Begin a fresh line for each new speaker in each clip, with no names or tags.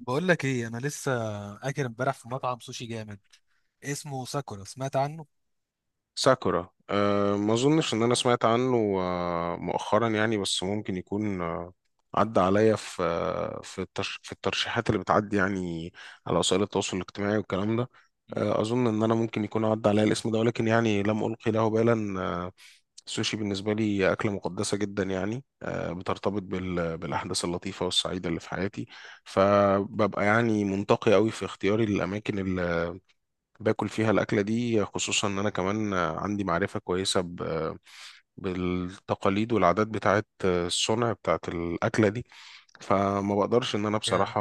بقول لك ايه، انا لسه اكل امبارح في مطعم سوشي جامد اسمه ساكورا. سمعت عنه؟
ساكورا. ما اظنش ان انا سمعت عنه، مؤخرا يعني، بس ممكن يكون عدى عليا في الترشيحات اللي بتعدي يعني على وسائل التواصل الاجتماعي والكلام ده. اظن ان انا ممكن يكون عدى عليا الاسم ده، ولكن يعني لم القي له بالا. السوشي بالنسبه لي اكله مقدسه جدا يعني، بترتبط بالاحداث اللطيفه والسعيده اللي في حياتي، فببقى يعني منتقي قوي في اختياري للاماكن باكل فيها الأكلة دي، خصوصا إن أنا كمان عندي معرفة كويسة بالتقاليد والعادات بتاعت الصنع بتاعت الأكلة دي. فما بقدرش إن أنا
يا
بصراحة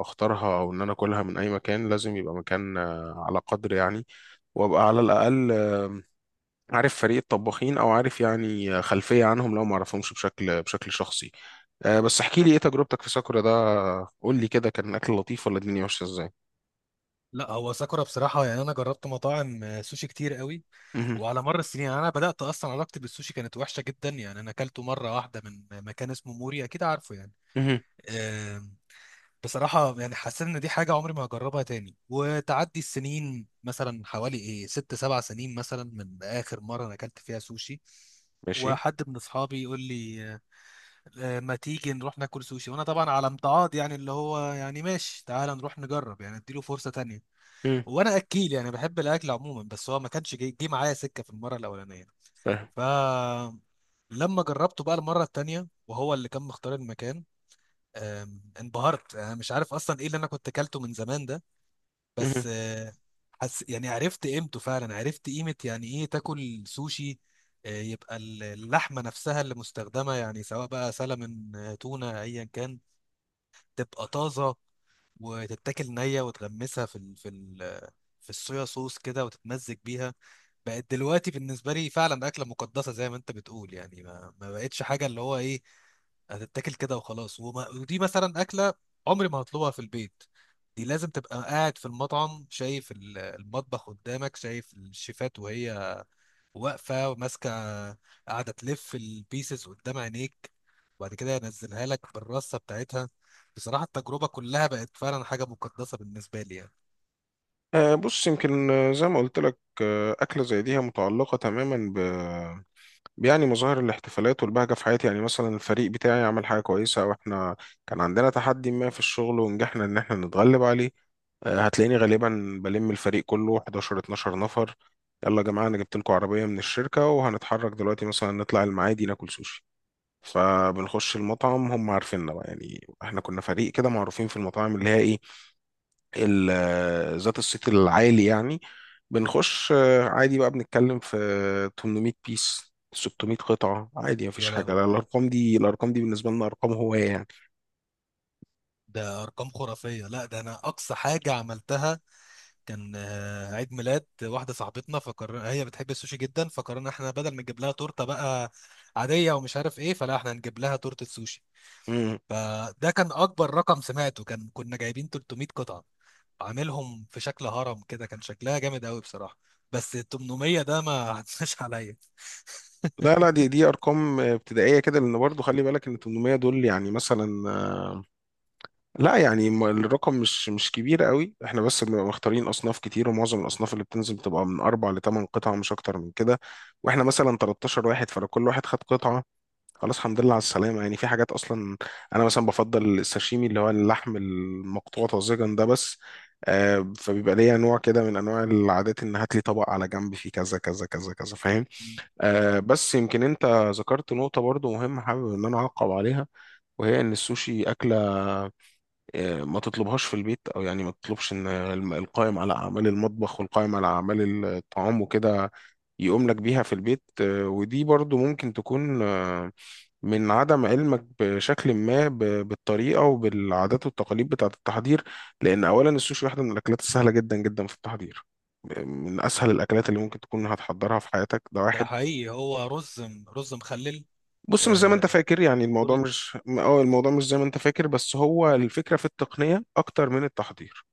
أختارها أو إن أنا أكلها من أي مكان، لازم يبقى مكان على قدر يعني، وأبقى على الأقل عارف فريق الطباخين، أو عارف يعني خلفية عنهم لو ما أعرفهمش بشكل شخصي. بس احكي لي إيه تجربتك في ساكورا ده، قول لي كده، كان الأكل لطيف ولا الدنيا ماشية إزاي؟
لا، هو ساكورا بصراحه يعني انا جربت مطاعم سوشي كتير قوي
مهم.
وعلى مر السنين. يعني انا بدات، اصلا علاقتي بالسوشي كانت وحشه جدا، يعني انا اكلته مره واحده من مكان اسمه موري، اكيد عارفه يعني.
مهم.
آم، بصراحه يعني حسيت ان دي حاجه عمري ما هجربها تاني، وتعدي السنين مثلا حوالي ايه ست سبع سنين مثلا من اخر مره انا اكلت فيها سوشي.
ماشي.
وحد من اصحابي يقول لي ما تيجي نروح ناكل سوشي، وانا طبعا على امتعاض يعني، اللي هو يعني ماشي تعال نروح نجرب يعني، اديله فرصة تانية.
مهم.
وانا اكيل يعني، بحب الاكل عموما، بس هو ما كانش جاي، جه معايا سكة في المرة الاولانية.
فاهم.
ف لما جربته بقى المرة التانية وهو اللي كان مختار المكان، انبهرت. انا مش عارف اصلا ايه اللي انا كنت اكلته من زمان ده، بس حس يعني، عرفت قيمته فعلا، عرفت قيمة يعني ايه تاكل سوشي. يبقى اللحمة نفسها اللي مستخدمة يعني، سواء بقى سلمون تونة ايا كان، تبقى طازه وتتاكل نيه، وتغمسها في ال في ال في الصويا صوص كده وتتمزج بيها. بقت دلوقتي بالنسبه لي فعلا اكله مقدسه زي ما انت بتقول، يعني ما بقتش حاجه اللي هو ايه، هتتاكل كده وخلاص. وما ودي مثلا اكله عمري ما هطلبها في البيت. دي لازم تبقى قاعد في المطعم، شايف المطبخ قدامك، شايف الشيفات وهي واقفه وماسكه، قاعده تلف البيسز قدام عينيك، وبعد كده ينزلها لك بالرصه بتاعتها. بصراحه التجربه كلها بقت فعلا حاجه مقدسه بالنسبه لي يعني.
بص، يمكن زي ما قلت لك، أكلة زي دي هي متعلقة تماما ب يعني مظاهر الاحتفالات والبهجة في حياتي. يعني مثلا الفريق بتاعي عمل حاجة كويسة، أو إحنا كان عندنا تحدي ما في الشغل ونجحنا إن إحنا نتغلب عليه، هتلاقيني غالبا بلم الفريق كله 11 12 نفر. يلا يا جماعة، أنا جبت لكم عربية من الشركة وهنتحرك دلوقتي مثلا نطلع المعادي ناكل سوشي. فبنخش المطعم، هم عارفيننا بقى، يعني إحنا كنا فريق كده معروفين في المطاعم اللي هي إيه ذات الصيت العالي يعني. بنخش عادي بقى، بنتكلم في 800 بيس 600 قطعة، عادي، مفيش
يا
حاجة، لا
لهوي،
الأرقام دي بالنسبة لنا أرقام هواية يعني.
ده ارقام خرافيه. لا، ده انا اقصى حاجه عملتها كان عيد ميلاد واحده صاحبتنا، فقرر، هي بتحب السوشي جدا، فقررنا احنا بدل ما نجيب لها تورته بقى عاديه ومش عارف ايه، فلا احنا هنجيب لها تورته سوشي.
مم.
فده كان اكبر رقم سمعته، كان كنا جايبين 300 قطعه، عاملهم في شكل هرم كده، كان شكلها جامد قوي بصراحة. بس ال 800 ده ما عدناش عليا.
لا لا، دي أرقام ابتدائية كده، لأن برضو خلي بالك إن 800 دول يعني مثلا، لا يعني الرقم مش كبير قوي، إحنا بس بنبقى مختارين أصناف كتير، ومعظم الأصناف اللي بتنزل بتبقى من أربع لثمان قطع، مش أكتر من كده. وإحنا مثلا 13 واحد، فلو كل واحد خد قطعة خلاص، الحمد لله على السلامة يعني. في حاجات أصلا أنا مثلا بفضل الساشيمي، اللي هو اللحم المقطوع طازجا ده بس. فبيبقى ليا نوع كده من أنواع العادات، إن هات لي طبق على جنب فيه كذا كذا كذا كذا، فاهم. بس يمكن أنت ذكرت نقطة برضو مهمة، حابب إن أنا أعقب عليها، وهي إن السوشي أكلة ما تطلبهاش في البيت، أو يعني ما تطلبش إن القائم على أعمال المطبخ والقائم على أعمال الطعام وكده يقوم لك بيها في البيت. ودي برضو ممكن تكون من عدم علمك بشكل ما بالطريقة وبالعادات والتقاليد بتاعة التحضير، لأن أولا السوشي واحدة من الأكلات السهلة جدا جدا في التحضير، من أسهل الأكلات اللي ممكن تكون هتحضرها في حياتك، ده
ده
واحد.
حقيقي، هو رز رز مخلل.
بص، مش زي ما أنت
آه،
فاكر يعني،
سوري.
الموضوع مش زي ما أنت فاكر، بس هو الفكرة في التقنية أكتر من التحضير.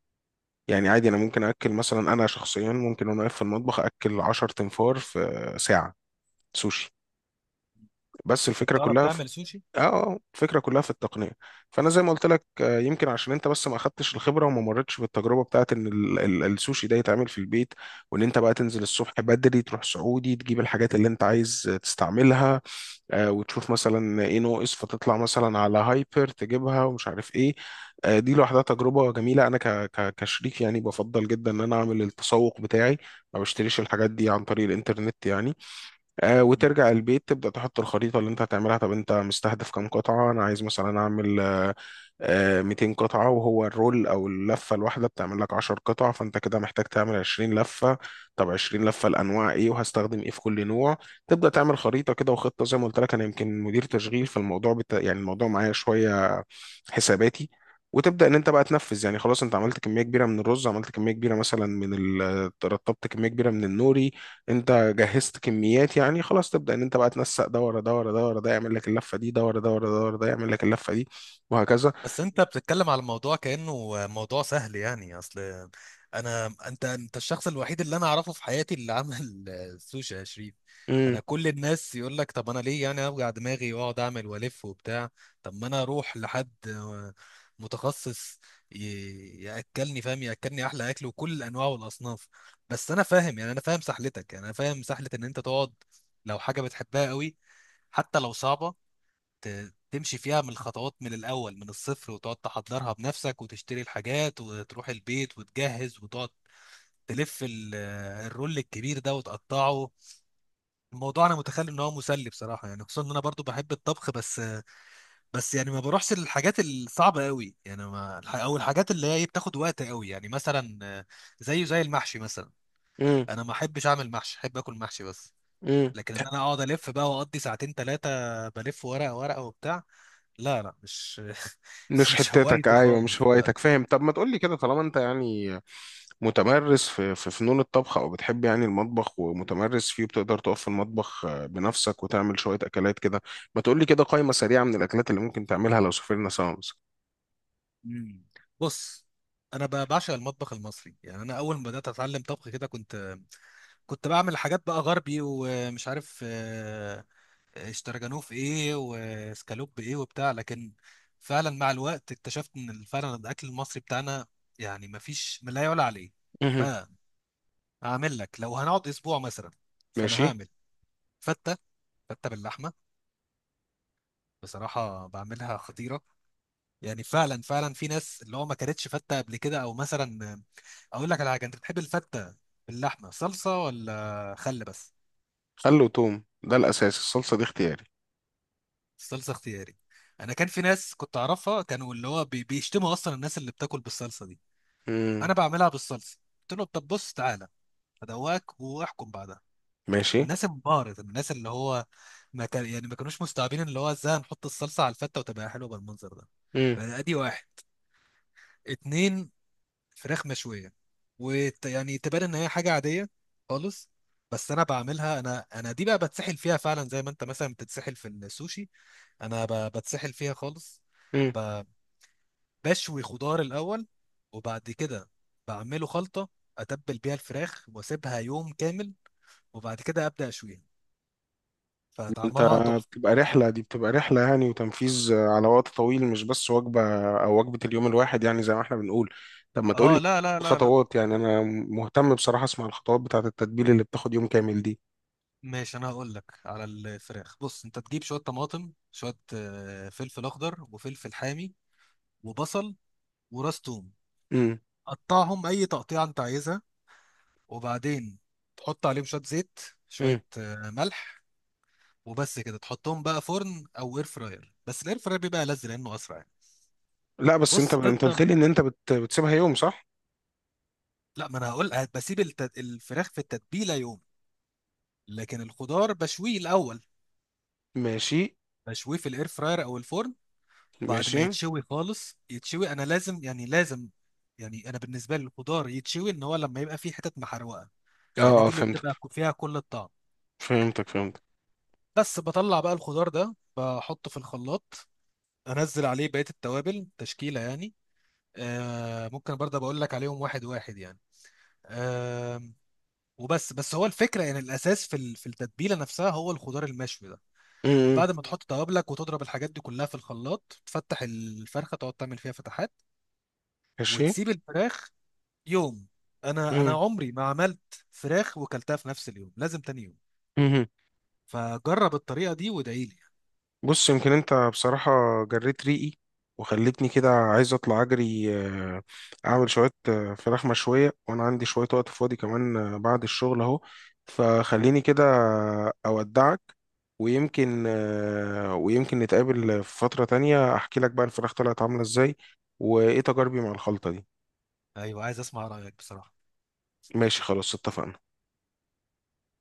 يعني عادي أنا ممكن أكل، مثلا أنا شخصيا ممكن وأنا واقف في المطبخ أكل 10 تنفار في ساعة سوشي. بس
طب
الفكرة
تعرف
كلها في
تعمل سوشي؟
اه آه، الفكره كلها في التقنيه. فانا زي ما قلت لك، يمكن عشان انت بس ما اخدتش الخبره وما مرتش بالتجربه بتاعت ان السوشي ده يتعمل في البيت، وان انت بقى تنزل الصبح بدري تروح سعودي تجيب الحاجات اللي انت عايز تستعملها، وتشوف مثلا ايه ناقص فتطلع مثلا على هايبر تجيبها، ومش عارف ايه. دي لوحدها تجربه جميله، انا ك ك كشريك يعني بفضل جدا ان انا اعمل التسوق بتاعي، ما بشتريش الحاجات دي عن طريق الانترنت يعني. وترجع البيت تبدأ تحط الخريطة اللي انت هتعملها، طب انت مستهدف كام قطعة؟ انا عايز مثلا اعمل 200 قطعة، وهو الرول أو اللفة الواحدة بتعمل لك 10 قطع، فأنت كده محتاج تعمل 20 لفة. طب 20 لفة الأنواع إيه وهستخدم إيه في كل نوع؟ تبدأ تعمل خريطة كده وخطة، زي ما قلت لك أنا يمكن مدير تشغيل فالموضوع يعني الموضوع معايا شوية حساباتي. وتبدا ان انت بقى تنفذ، يعني خلاص انت عملت كميه كبيره من الرز، عملت كميه كبيره مثلا رطبت كميه كبيره من النوري، انت جهزت كميات يعني خلاص. تبدا ان انت بقى تنسق ده ورا ده ورا ده ورا ده يعمل لك اللفه دي، ده ورا ده ورا ده ورا ده يعمل لك اللفه دي، وهكذا.
بس انت بتتكلم على الموضوع كأنه موضوع سهل، يعني اصل انا، انت الشخص الوحيد اللي انا اعرفه في حياتي اللي عمل سوشي يا شريف.
امم.
انا كل الناس يقول لك طب انا ليه يعني اوجع دماغي واقعد اعمل والف وبتاع؟ طب ما انا اروح لحد متخصص، ياكلني، فاهم، ياكلني احلى اكل وكل الانواع والاصناف. بس انا فاهم يعني، انا فاهم سحلتك، يعني انا فاهم سحلة ان انت تقعد، لو حاجة بتحبها قوي حتى لو صعبة، تمشي فيها من الخطوات من الأول من الصفر، وتقعد تحضرها بنفسك وتشتري الحاجات وتروح البيت وتجهز، وتقعد تلف الرول الكبير ده وتقطعه. الموضوع انا متخيل ان هو مسلي بصراحه يعني، خصوصا ان انا برضو بحب الطبخ. بس يعني ما بروحش للحاجات الصعبه قوي، يعني ما او الحاجات اللي هي بتاخد وقت قوي يعني، مثلا زيه زي المحشي مثلا.
امم.
انا ما احبش اعمل محشي، احب اكل محشي بس.
امم.
لكن ان انا اقعد الف بقى واقضي ساعتين ثلاثه بلف ورقه ورقه وبتاع، لا مش
مش
مش
حتتك،
هوايتي
ايوه، مش
خالص، لا.
هوايتك، فاهم. طب ما تقولي كده، طالما انت يعني متمرس في فنون الطبخ، او بتحب يعني المطبخ ومتمرس فيه، بتقدر تقف في المطبخ بنفسك وتعمل شويه اكلات كده، ما تقولي كده قائمه سريعه من الاكلات اللي ممكن تعملها لو سافرنا سوا مثلا.
مم. بص، انا بعشق المطبخ المصري، يعني انا اول ما بدات اتعلم طبخ كده، كنت بعمل حاجات بقى غربي ومش عارف اشتراجانوف ايه وسكالوب ايه وبتاع، لكن فعلا مع الوقت اكتشفت ان فعلا الاكل المصري بتاعنا يعني ما فيش ما لا يعلى عليه.
مهم.
فهعمل لك، لو هنقعد اسبوع مثلا، فانا
ماشي.
هعمل فته، فته باللحمه، بصراحه بعملها خطيره. يعني فعلا فعلا في ناس اللي هو ما كانتش فته قبل كده، او مثلا اقول لك على حاجه، انت بتحب الفته باللحمه صلصه ولا خل بس؟
خل وتوم ده الاساس، الصلصه دي اختياري.
الصلصه اختياري. انا كان في ناس كنت اعرفها كانوا اللي هو بيشتموا اصلا الناس اللي بتاكل بالصلصه دي.
امم.
انا بعملها بالصلصه، قلت له طب بص تعالى ادواك واحكم بعدها.
ماشي.
الناس انبهرت، الناس اللي هو ما كان يعني ما كانوش مستوعبين اللي هو ازاي هنحط الصلصه على الفته وتبقى حلوه بالمنظر ده.
امم.
فادي واحد. اتنين، فراخ مشويه، ويعني تبان ان هي حاجه عاديه خالص، بس انا بعملها، انا دي بقى بتسحل فيها فعلا، زي ما انت مثلا بتتسحل في السوشي، انا بتسحل فيها خالص. ب- بشوي خضار الاول، وبعد كده بعمله خلطه، اتبل بيها الفراخ واسيبها يوم كامل، وبعد كده ابدا اشويها،
انت
فطعمها تحفه.
بتبقى رحلة دي بتبقى رحلة يعني، وتنفيذ على وقت طويل، مش بس وجبة او وجبة اليوم الواحد يعني، زي ما احنا بنقول. طب ما تقولي
اه، لا.
خطوات يعني، انا مهتم بصراحة اسمع الخطوات بتاعة التتبيل اللي بتاخد يوم كامل دي.
ماشي، انا هقول لك على الفراخ. بص، انت تجيب شويه طماطم، شويه فلفل اخضر وفلفل حامي وبصل وراس توم،
امم.
قطعهم اي تقطيعه انت عايزها. وبعدين تحط عليهم شويه زيت، شويه
امم.
ملح، وبس كده تحطهم بقى فرن او اير فراير، بس الاير فراير بيبقى لذ لانه اسرع يعني.
لا بس انت،
بص
قلت
تفضل.
لي ان انت بتسيبها يوم، صح.
لا ما انا هقول بسيب الفراخ في التتبيله يوم، لكن الخضار بشويه الاول،
ماشي.
بشويه في الاير فراير او الفرن. بعد
ماشي.
ما يتشوي خالص، يتشوي، انا لازم يعني لازم يعني، انا بالنسبه لي الخضار يتشوي ان هو لما يبقى فيه حتت محروقه،
اه.
لان
اه.
دي اللي
فهمتك.
بتبقى فيها كل الطعم.
فهمتك. فهمتك.
بس بطلع بقى الخضار ده بحطه في الخلاط، انزل عليه بقيه التوابل تشكيله يعني، آه، ممكن برضه بقول لك عليهم واحد واحد يعني، آه. وبس هو الفكره يعني، الاساس في التتبيله نفسها هو الخضار المشوي ده.
امم.
بعد ما تحط توابلك وتضرب الحاجات دي كلها في الخلاط، تفتح الفرخه تقعد تعمل فيها فتحات،
ماشي.
وتسيب الفراخ يوم. انا عمري ما عملت فراخ وكلتها في نفس اليوم، لازم تاني يوم.
امم.
فجرب الطريقه دي وادعي لي.
بص، يمكن انت بصراحة جريت ريقي، وخلتني كده عايز اطلع اجري، اعمل شوية فراخ مشوية، وانا عندي شوية وقت فاضي كمان بعد الشغل اهو. فخليني كده اودعك، ويمكن نتقابل في فترة تانية، احكي لك بقى الفراخ طلعت عاملة ازاي، وايه تجاربي مع الخلطة دي.
ايوه عايز اسمع رايك بصراحه.
ماشي، خلاص، اتفقنا.